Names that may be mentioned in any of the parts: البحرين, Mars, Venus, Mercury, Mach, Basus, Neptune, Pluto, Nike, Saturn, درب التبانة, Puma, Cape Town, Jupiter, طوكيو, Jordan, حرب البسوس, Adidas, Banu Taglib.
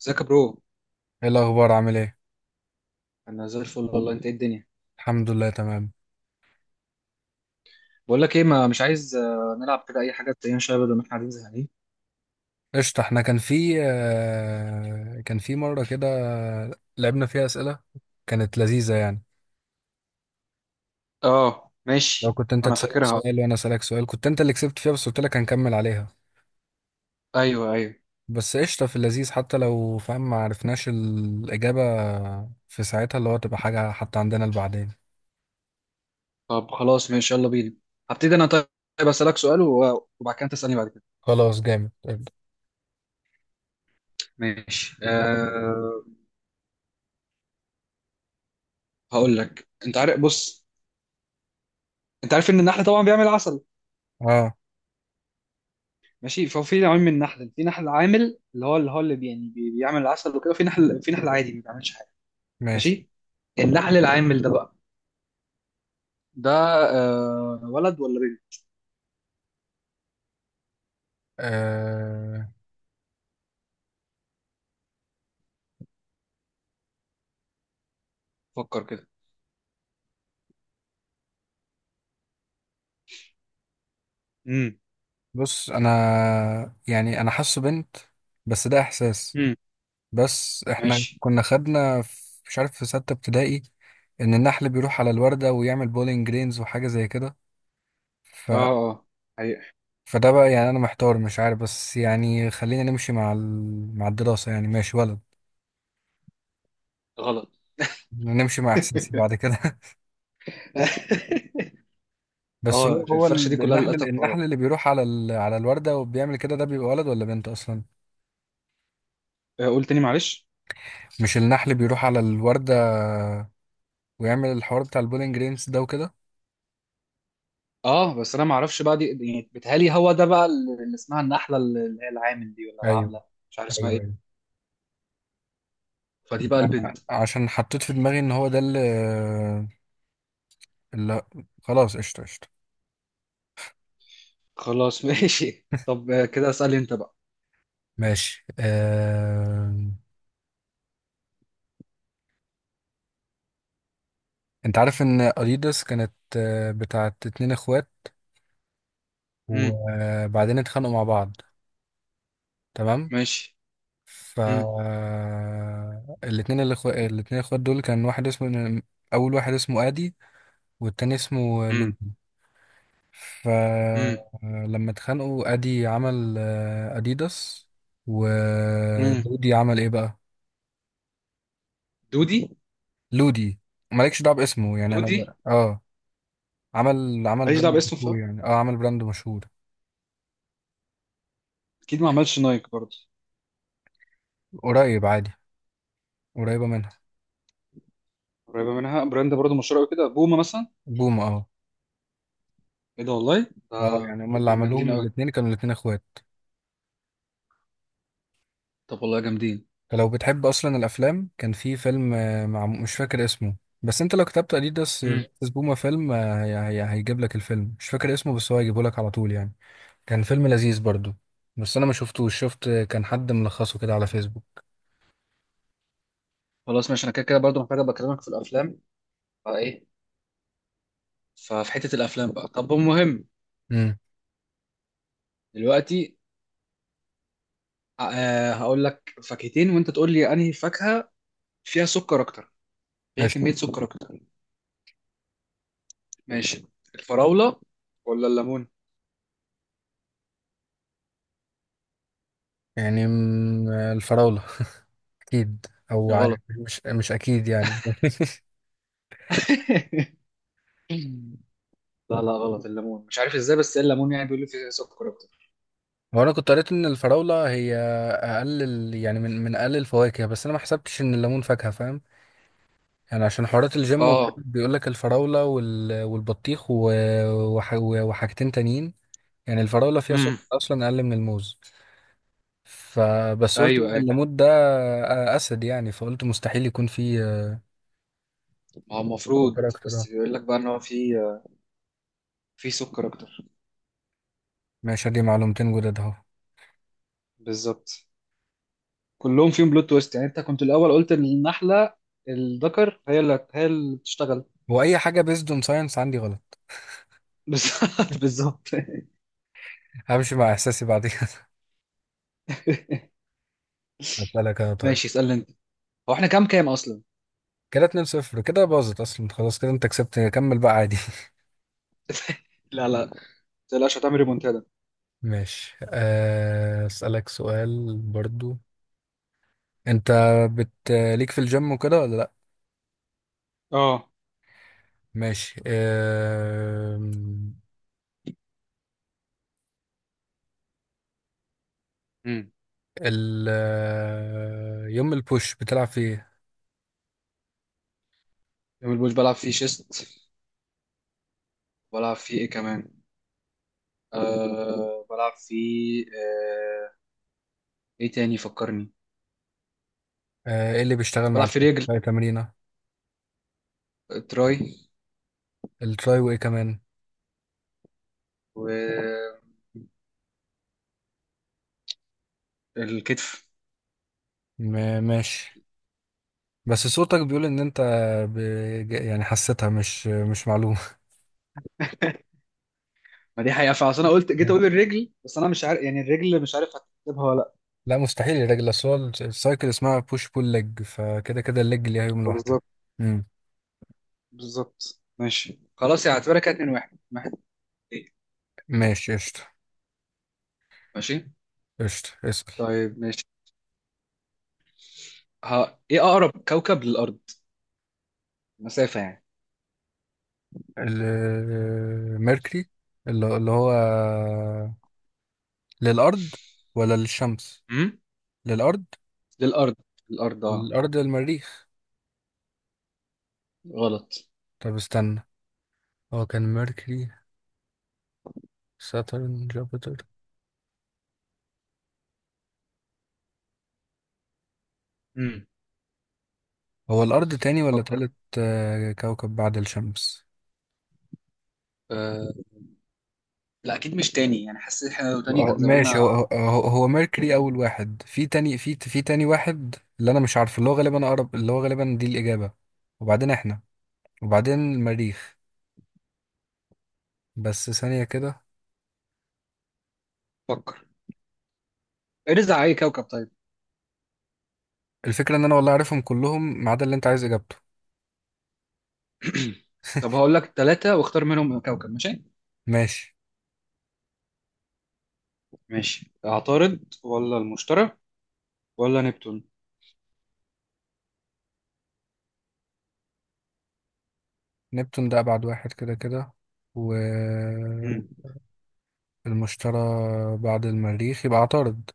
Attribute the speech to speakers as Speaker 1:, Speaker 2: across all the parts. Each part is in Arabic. Speaker 1: ازيك يا برو؟
Speaker 2: ايه الاخبار؟ عامل ايه؟
Speaker 1: انا زي الفل والله، انت ايه الدنيا؟
Speaker 2: الحمد لله، تمام.
Speaker 1: بقول لك ايه، ما مش عايز نلعب كده اي حاجه، تلاقينا شويه بدل ما احنا قاعدين زهقانين.
Speaker 2: قشطة. احنا كان في مرة كده، لعبنا فيها اسئلة، كانت لذيذة يعني.
Speaker 1: اه
Speaker 2: لو
Speaker 1: ماشي،
Speaker 2: كنت انت
Speaker 1: انا
Speaker 2: تسألني
Speaker 1: فاكرها.
Speaker 2: سؤال وانا اسألك سؤال، كنت انت اللي كسبت فيها، بس قلت لك هنكمل عليها.
Speaker 1: ايوه ايوه.
Speaker 2: بس قشطة، في اللذيذ حتى لو فاهم ما عرفناش الإجابة في ساعتها، اللي هو تبقى حاجة حتى عندنا لبعدين.
Speaker 1: طب خلاص ماشي، يلا بينا. هبتدي انا طيب. اسالك سؤال وبعد كده تسالني بعد كده.
Speaker 2: خلاص، جامد، ابدأ.
Speaker 1: ماشي أه. هقول لك، انت عارف؟ بص. انت عارف ان النحل طبعا بيعمل عسل؟
Speaker 2: اه،
Speaker 1: ماشي، فهو في نوعين من النحل، في نحل عامل اللي هو اللي بي- يعني بي- بيعمل العسل وكده، وفي نحل في نحل عادي ما بيعملش حاجه.
Speaker 2: ماشي،
Speaker 1: ماشي. النحل العامل ده بقى، ده ولد ولا بنت؟
Speaker 2: أه.
Speaker 1: فكر كده. امم.
Speaker 2: بص، انا يعني انا حاسه بنت، بس ده احساس.
Speaker 1: امم.
Speaker 2: بس احنا
Speaker 1: ماشي.
Speaker 2: كنا خدنا مش عارف، في ستة ابتدائي، ان النحل بيروح على الوردة ويعمل بولينج جرينز وحاجة زي كده. ف...
Speaker 1: اه اه، حقيقة.
Speaker 2: فده بقى، يعني انا محتار مش عارف، بس يعني خلينا نمشي مع مع الدراسة، يعني ماشي ولد.
Speaker 1: غلط.
Speaker 2: نمشي مع احساسي بعد كده. بس
Speaker 1: اه
Speaker 2: هو
Speaker 1: الفرشة دي كلها
Speaker 2: النحل
Speaker 1: للأسف غلط.
Speaker 2: النحل اللي بيروح على على الوردة وبيعمل كده، ده بيبقى ولد ولا بنت اصلا؟
Speaker 1: قول تاني معلش.
Speaker 2: مش النحل بيروح على الوردة ويعمل الحوار بتاع البولينج جرينز ده وكده؟
Speaker 1: اه بس انا ما اعرفش بقى دي، يعني بيتهيألي هو ده بقى اللي اسمها النحلة، اللي هي العامل دي ولا
Speaker 2: ايوه،
Speaker 1: العاملة. مش عارف اسمها
Speaker 2: ايوه، ايوه.
Speaker 1: ايه. فدي بقى البنت.
Speaker 2: عشان حطيت في دماغي ان هو ده اللي... لا، خلاص، قشطة قشطة.
Speaker 1: خلاص ماشي، طب كده اسألني انت بقى.
Speaker 2: ماشي. انت عارف ان اديداس كانت بتاعت اتنين اخوات؟
Speaker 1: امم.
Speaker 2: وبعدين اتخانقوا مع بعض. تمام.
Speaker 1: ماشي.
Speaker 2: ف
Speaker 1: امم
Speaker 2: الاتنين الاخوات دول، كان واحد اسمه، اول واحد اسمه ادي، والتاني اسمه
Speaker 1: امم
Speaker 2: لودي.
Speaker 1: امم
Speaker 2: فلما اتخانقوا، ادي عمل اديداس،
Speaker 1: امم.
Speaker 2: ولودي عمل ايه بقى؟
Speaker 1: دودي.
Speaker 2: لودي. مالكش دعوه باسمه يعني، انا
Speaker 1: دودي.
Speaker 2: اه، عمل
Speaker 1: ماليش دعوة
Speaker 2: براند
Speaker 1: باسم
Speaker 2: مشهور،
Speaker 1: فا
Speaker 2: يعني اه، عمل براند مشهور.
Speaker 1: اكيد ما عملش نايك برضه.
Speaker 2: قريب عادي، قريبة منها.
Speaker 1: قريبة منها براند برضه مشهورة قوي كده، بوما مثلا.
Speaker 2: بوم، اه.
Speaker 1: ايه ده والله؟
Speaker 2: اه يعني هما اللي
Speaker 1: دول جامدين
Speaker 2: عملوهم،
Speaker 1: قوي.
Speaker 2: الاتنين كانوا الاتنين اخوات.
Speaker 1: طب والله جامدين.
Speaker 2: فلو بتحب اصلا الافلام، كان في فيلم مع، مش فاكر اسمه، بس انت لو كتبت اديداس،
Speaker 1: امم.
Speaker 2: بس بوما فيلم هي هيجيب لك الفيلم، مش فاكر اسمه بس هو هيجيبه لك على طول يعني. كان فيلم لذيذ برضو، بس انا ما شفتوش، شفت كان حد ملخصه كده على فيسبوك.
Speaker 1: خلاص ماشي، انا كده كده برضه محتاج ابقى اكلمك في الافلام، فايه. ففي حته الافلام بقى، طب المهم.
Speaker 2: امم
Speaker 1: دلوقتي. هقول لك فاكهتين وانت تقول لي انهي فاكهه فيها سكر اكتر، فيها
Speaker 2: ماشي.
Speaker 1: كميه سكر اكتر. ماشي. الفراوله ولا الليمون؟
Speaker 2: يعني الفراولة، اكيد. او عارف،
Speaker 1: غلط.
Speaker 2: مش اكيد يعني.
Speaker 1: لا لا، غلط الليمون، مش عارف ازاي، بس الليمون يعني بيقول لي فيه سكر اكتر.
Speaker 2: هو انا كنت قريت ان الفراوله هي اقل يعني من اقل الفواكه، بس انا ما حسبتش ان الليمون فاكهه فاهم. يعني عشان حوارات الجيم وكده،
Speaker 1: اه،
Speaker 2: بيقول لك الفراوله والبطيخ وحاجتين تانيين. يعني الفراوله فيها سكر
Speaker 1: امم،
Speaker 2: اصلا اقل من الموز. فبس قلت
Speaker 1: ايوه
Speaker 2: ان
Speaker 1: ايوه.
Speaker 2: الليمون ده اسد يعني، فقلت مستحيل يكون فيه
Speaker 1: ما هو المفروض،
Speaker 2: سكر اكتر
Speaker 1: بس
Speaker 2: آه.
Speaker 1: بيقول لك بقى ان هو فيه سكر اكتر.
Speaker 2: ماشي، دي معلومتين جداد اهو.
Speaker 1: بالظبط. كلهم فيهم بلوت تويست، يعني انت كنت الاول قلت ان النحله الذكر هي اللي بتشتغل.
Speaker 2: واي حاجه بيزد اون ساينس عندي غلط.
Speaker 1: بالظبط بالظبط.
Speaker 2: همشي مع احساسي بعد كده. هسألك انا طيب.
Speaker 1: ماشي، اسالني انت. هو احنا كام كام اصلا؟
Speaker 2: كده 2-0، كده باظت اصلا، خلاص كده انت كسبت، كمل بقى عادي.
Speaker 1: لا لا، ما تقلقش، هتعمل ريمونتادا.
Speaker 2: ماشي. أسألك سؤال برضو. انت بت ليك في الجيم وكده ولا لا؟
Speaker 1: اه،
Speaker 2: ماشي.
Speaker 1: امم.
Speaker 2: ال آه، يوم البوش بتلعب فيه ايه؟
Speaker 1: يوم البوش بلعب فيه شيست، بلعب فيه ايه كمان؟ بلعب فيه ايه تاني فكرني؟
Speaker 2: ايه اللي بيشتغل مع
Speaker 1: بلعب فيه رجل،
Speaker 2: الحاجة تمرينة؟
Speaker 1: تراي،
Speaker 2: التراي، وايه كمان؟
Speaker 1: والكتف.
Speaker 2: ماشي. بس صوتك بيقول ان انت ب... يعني حسيتها، مش معلومة.
Speaker 1: ما دي حقيقة، فعشان انا قلت جيت اقول الرجل، بس انا مش عارف، يعني الرجل مش عارف هتكتبها ولا.
Speaker 2: لا، مستحيل يا راجل، اصل هو السايكل اسمها بوش بول ليج، فكده كده الليج ليها يوم لوحدها.
Speaker 1: بالظبط
Speaker 2: امم.
Speaker 1: بالظبط. ماشي خلاص، يعني اعتبرها كده 2 1 1 2.
Speaker 2: ماشي، قشطة
Speaker 1: ماشي
Speaker 2: قشطة، اسأل.
Speaker 1: طيب ماشي. ها، ايه اقرب كوكب للارض؟ مسافة يعني.
Speaker 2: الميركوري. اللي هو، للأرض ولا للشمس؟
Speaker 1: امم.
Speaker 2: للأرض.
Speaker 1: للارض. الارض اه.
Speaker 2: الأرض، المريخ.
Speaker 1: غلط.
Speaker 2: طب استنى، هو كان ميركوري، ساترن، جوبيتر.
Speaker 1: امم،
Speaker 2: هو الأرض تاني ولا
Speaker 1: فكر.
Speaker 2: تالت؟ كوكب بعد الشمس.
Speaker 1: آه. لا اكيد مش تاني، يعني حسيت احنا لو تاني كان
Speaker 2: ماشي. هو
Speaker 1: زماننا.
Speaker 2: هو ميركوري اول واحد، في تاني، في تاني واحد اللي انا مش عارفه، اللي هو غالبا اقرب، اللي هو غالبا دي الاجابه. وبعدين احنا، وبعدين المريخ. بس ثانيه كده.
Speaker 1: فكر. ارز على اي كوكب طيب؟
Speaker 2: الفكره ان انا والله عارفهم كلهم، ما عدا اللي انت عايز اجابته.
Speaker 1: طب هقول لك ثلاثة واختار منهم كوكب، ماشي؟
Speaker 2: ماشي.
Speaker 1: ماشي، عطارد ولا المشتري ولا نبتون؟
Speaker 2: نبتون ده ابعد واحد كده كده،
Speaker 1: امم.
Speaker 2: والمشتري بعد المريخ، يبقى عطارد.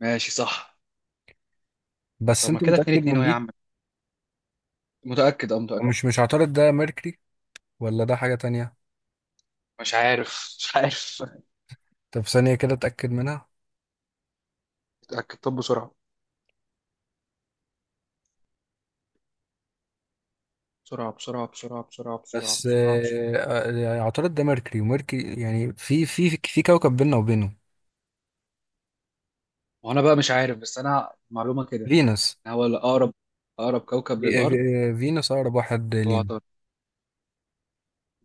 Speaker 1: ماشي صح.
Speaker 2: بس
Speaker 1: طب ما
Speaker 2: انت
Speaker 1: كده 2
Speaker 2: متاكد
Speaker 1: 2
Speaker 2: من
Speaker 1: اهو يا
Speaker 2: دي؟
Speaker 1: عم. متأكد؟ اه متأكد.
Speaker 2: مش عطارد ده ميركوري؟ ولا ده حاجه تانية؟
Speaker 1: مش عارف مش عارف.
Speaker 2: طب ثانيه كده اتاكد منها.
Speaker 1: اتاكد، طب بسرعه، بسرعه بسرعه بسرعه بسرعه بسرعه
Speaker 2: بس
Speaker 1: بسرعه بسرعه.
Speaker 2: عطارد ده ميركوري، وميركوري يعني في كوكب بيننا وبينه.
Speaker 1: وانا بقى مش عارف، بس انا معلومه كده
Speaker 2: فينوس.
Speaker 1: إن هو الاقرب، اقرب كوكب
Speaker 2: في-
Speaker 1: للارض
Speaker 2: فينوس أقرب واحد
Speaker 1: هو
Speaker 2: لينا.
Speaker 1: عطارد.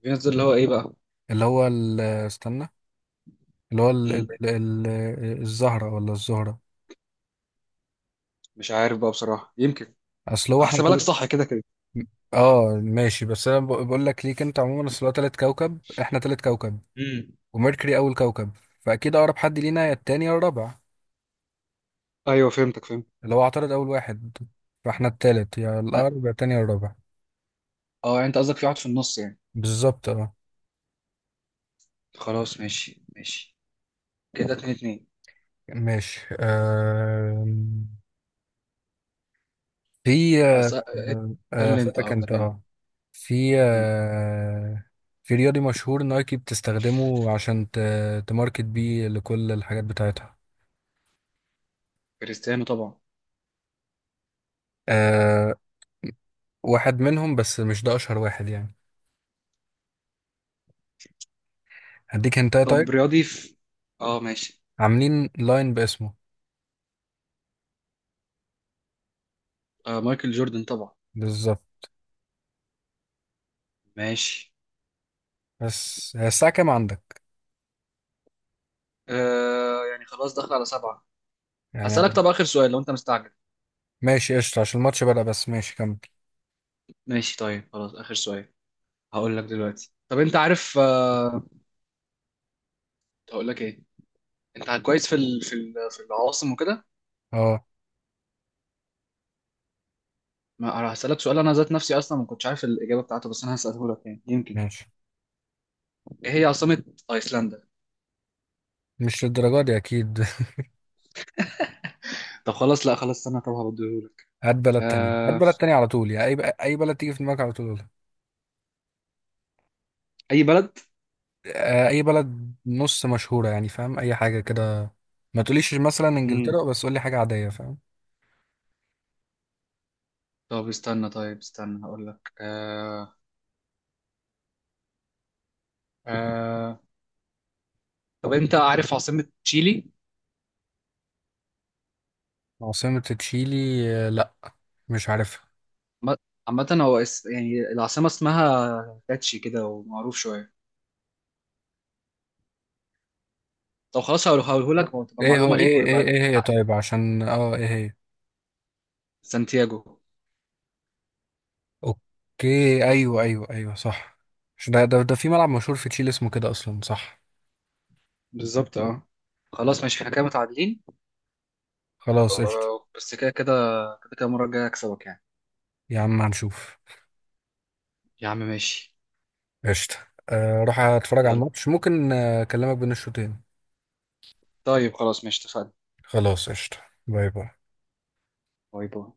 Speaker 1: فينوس اللي هو ايه بقى؟
Speaker 2: اللي هو استنى. اللي هو
Speaker 1: مم.
Speaker 2: الزهرة ولا الزهرة؟
Speaker 1: مش عارف بقى بصراحه، يمكن.
Speaker 2: أصل هو احنا
Speaker 1: هحسبها لك
Speaker 2: تلت.
Speaker 1: صح كده كده.
Speaker 2: اه ماشي، بس أنا بقول لك ليك أنت عموما، أصل هو تلت كوكب، احنا تلت كوكب،
Speaker 1: امم،
Speaker 2: وميركوري أول كوكب، فأكيد أقرب حد لينا يا التاني يا الرابع.
Speaker 1: ايوه، فهمتك فهمت.
Speaker 2: اللي هو عطارد أول واحد، فاحنا التالت، يا
Speaker 1: اه.
Speaker 2: الأقرب يا التاني يا الرابع.
Speaker 1: يعني انت قصدك في واحد في النص يعني.
Speaker 2: بالظبط، اه.
Speaker 1: خلاص ماشي ماشي. كده اتنين اتنين.
Speaker 2: ماشي. في
Speaker 1: أس... قال لي انت،
Speaker 2: أسألك
Speaker 1: اه،
Speaker 2: أنت،
Speaker 1: تمام.
Speaker 2: أه. في
Speaker 1: مم.
Speaker 2: في رياضي مشهور نايكي بتستخدمه عشان تماركت بيه لكل الحاجات بتاعتها.
Speaker 1: كريستيانو طبعا.
Speaker 2: أه. واحد منهم بس مش ده أشهر واحد يعني، هديك هنتاية طيب.
Speaker 1: طب رياضي في، اه ماشي.
Speaker 2: عاملين لاين باسمه.
Speaker 1: مايكل جوردن طبعا.
Speaker 2: بالظبط.
Speaker 1: ماشي،
Speaker 2: بس هي الساعة كام عندك؟
Speaker 1: يعني خلاص داخل على سبعة. هسألك،
Speaker 2: يعني
Speaker 1: طب آخر سؤال لو أنت مستعجل.
Speaker 2: ماشي قشطة، عشان الماتش بدأ، بس ماشي كمل.
Speaker 1: ماشي طيب خلاص آخر سؤال. هقول لك دلوقتي، طب أنت عارف، هقول لك إيه. أنت كويس في في العواصم وكده.
Speaker 2: اه،
Speaker 1: ما هسألك سؤال، أنا ذات نفسي أصلا ما كنتش عارف الإجابة بتاعته، بس أنا هسأله لك يعني، يمكن.
Speaker 2: ماشي.
Speaker 1: إيه هي عاصمة أيسلندا؟
Speaker 2: مش للدرجة دي أكيد.
Speaker 1: طب خلاص، لا خلاص استنى، طب هبديه لك.
Speaker 2: هات بلد تانية هات
Speaker 1: آه
Speaker 2: بلد تانية على طول يعني، أي بلد تيجي في دماغك على طول قولها.
Speaker 1: أي بلد.
Speaker 2: أي بلد نص مشهورة، يعني فاهم، أي حاجة كده. ما تقوليش مثلا
Speaker 1: مم.
Speaker 2: إنجلترا، بس قولي حاجة عادية فاهم.
Speaker 1: طب استنى، طيب استنى، هقول لك. آه طب أنت عارف عاصمة تشيلي؟
Speaker 2: عاصمة تشيلي، لأ، مش عارفها.
Speaker 1: عم- عامة هو يعني العاصمة اسمها كاتشي كده ومعروف شوية. طب خلاص، هقولهولك وتبقى
Speaker 2: إيه هو،
Speaker 1: معلومة ليك
Speaker 2: إيه إيه
Speaker 1: ويبقى.
Speaker 2: إيه هي؟ طيب عشان إيه هي؟
Speaker 1: سانتياغو.
Speaker 2: أوكي، أيوه أيوه أيوه، صح. مش ده؟ ده في ملعب مشهور في تشيلي اسمه كده أصلا، صح؟
Speaker 1: بالظبط اه. خلاص ماشي، احنا كده متعادلين.
Speaker 2: خلاص، قشطة.
Speaker 1: بس كده كده، كده كده المرة الجاية أكسبك يعني.
Speaker 2: يا عم هنشوف.
Speaker 1: يا عم ماشي.
Speaker 2: قشطة. روح أتفرج على
Speaker 1: يلا.
Speaker 2: الماتش، ممكن أكلمك بين الشوطين.
Speaker 1: طيب خلاص ماشي، اتفقنا.
Speaker 2: خلاص، قشطة. باي باي.
Speaker 1: باي باي.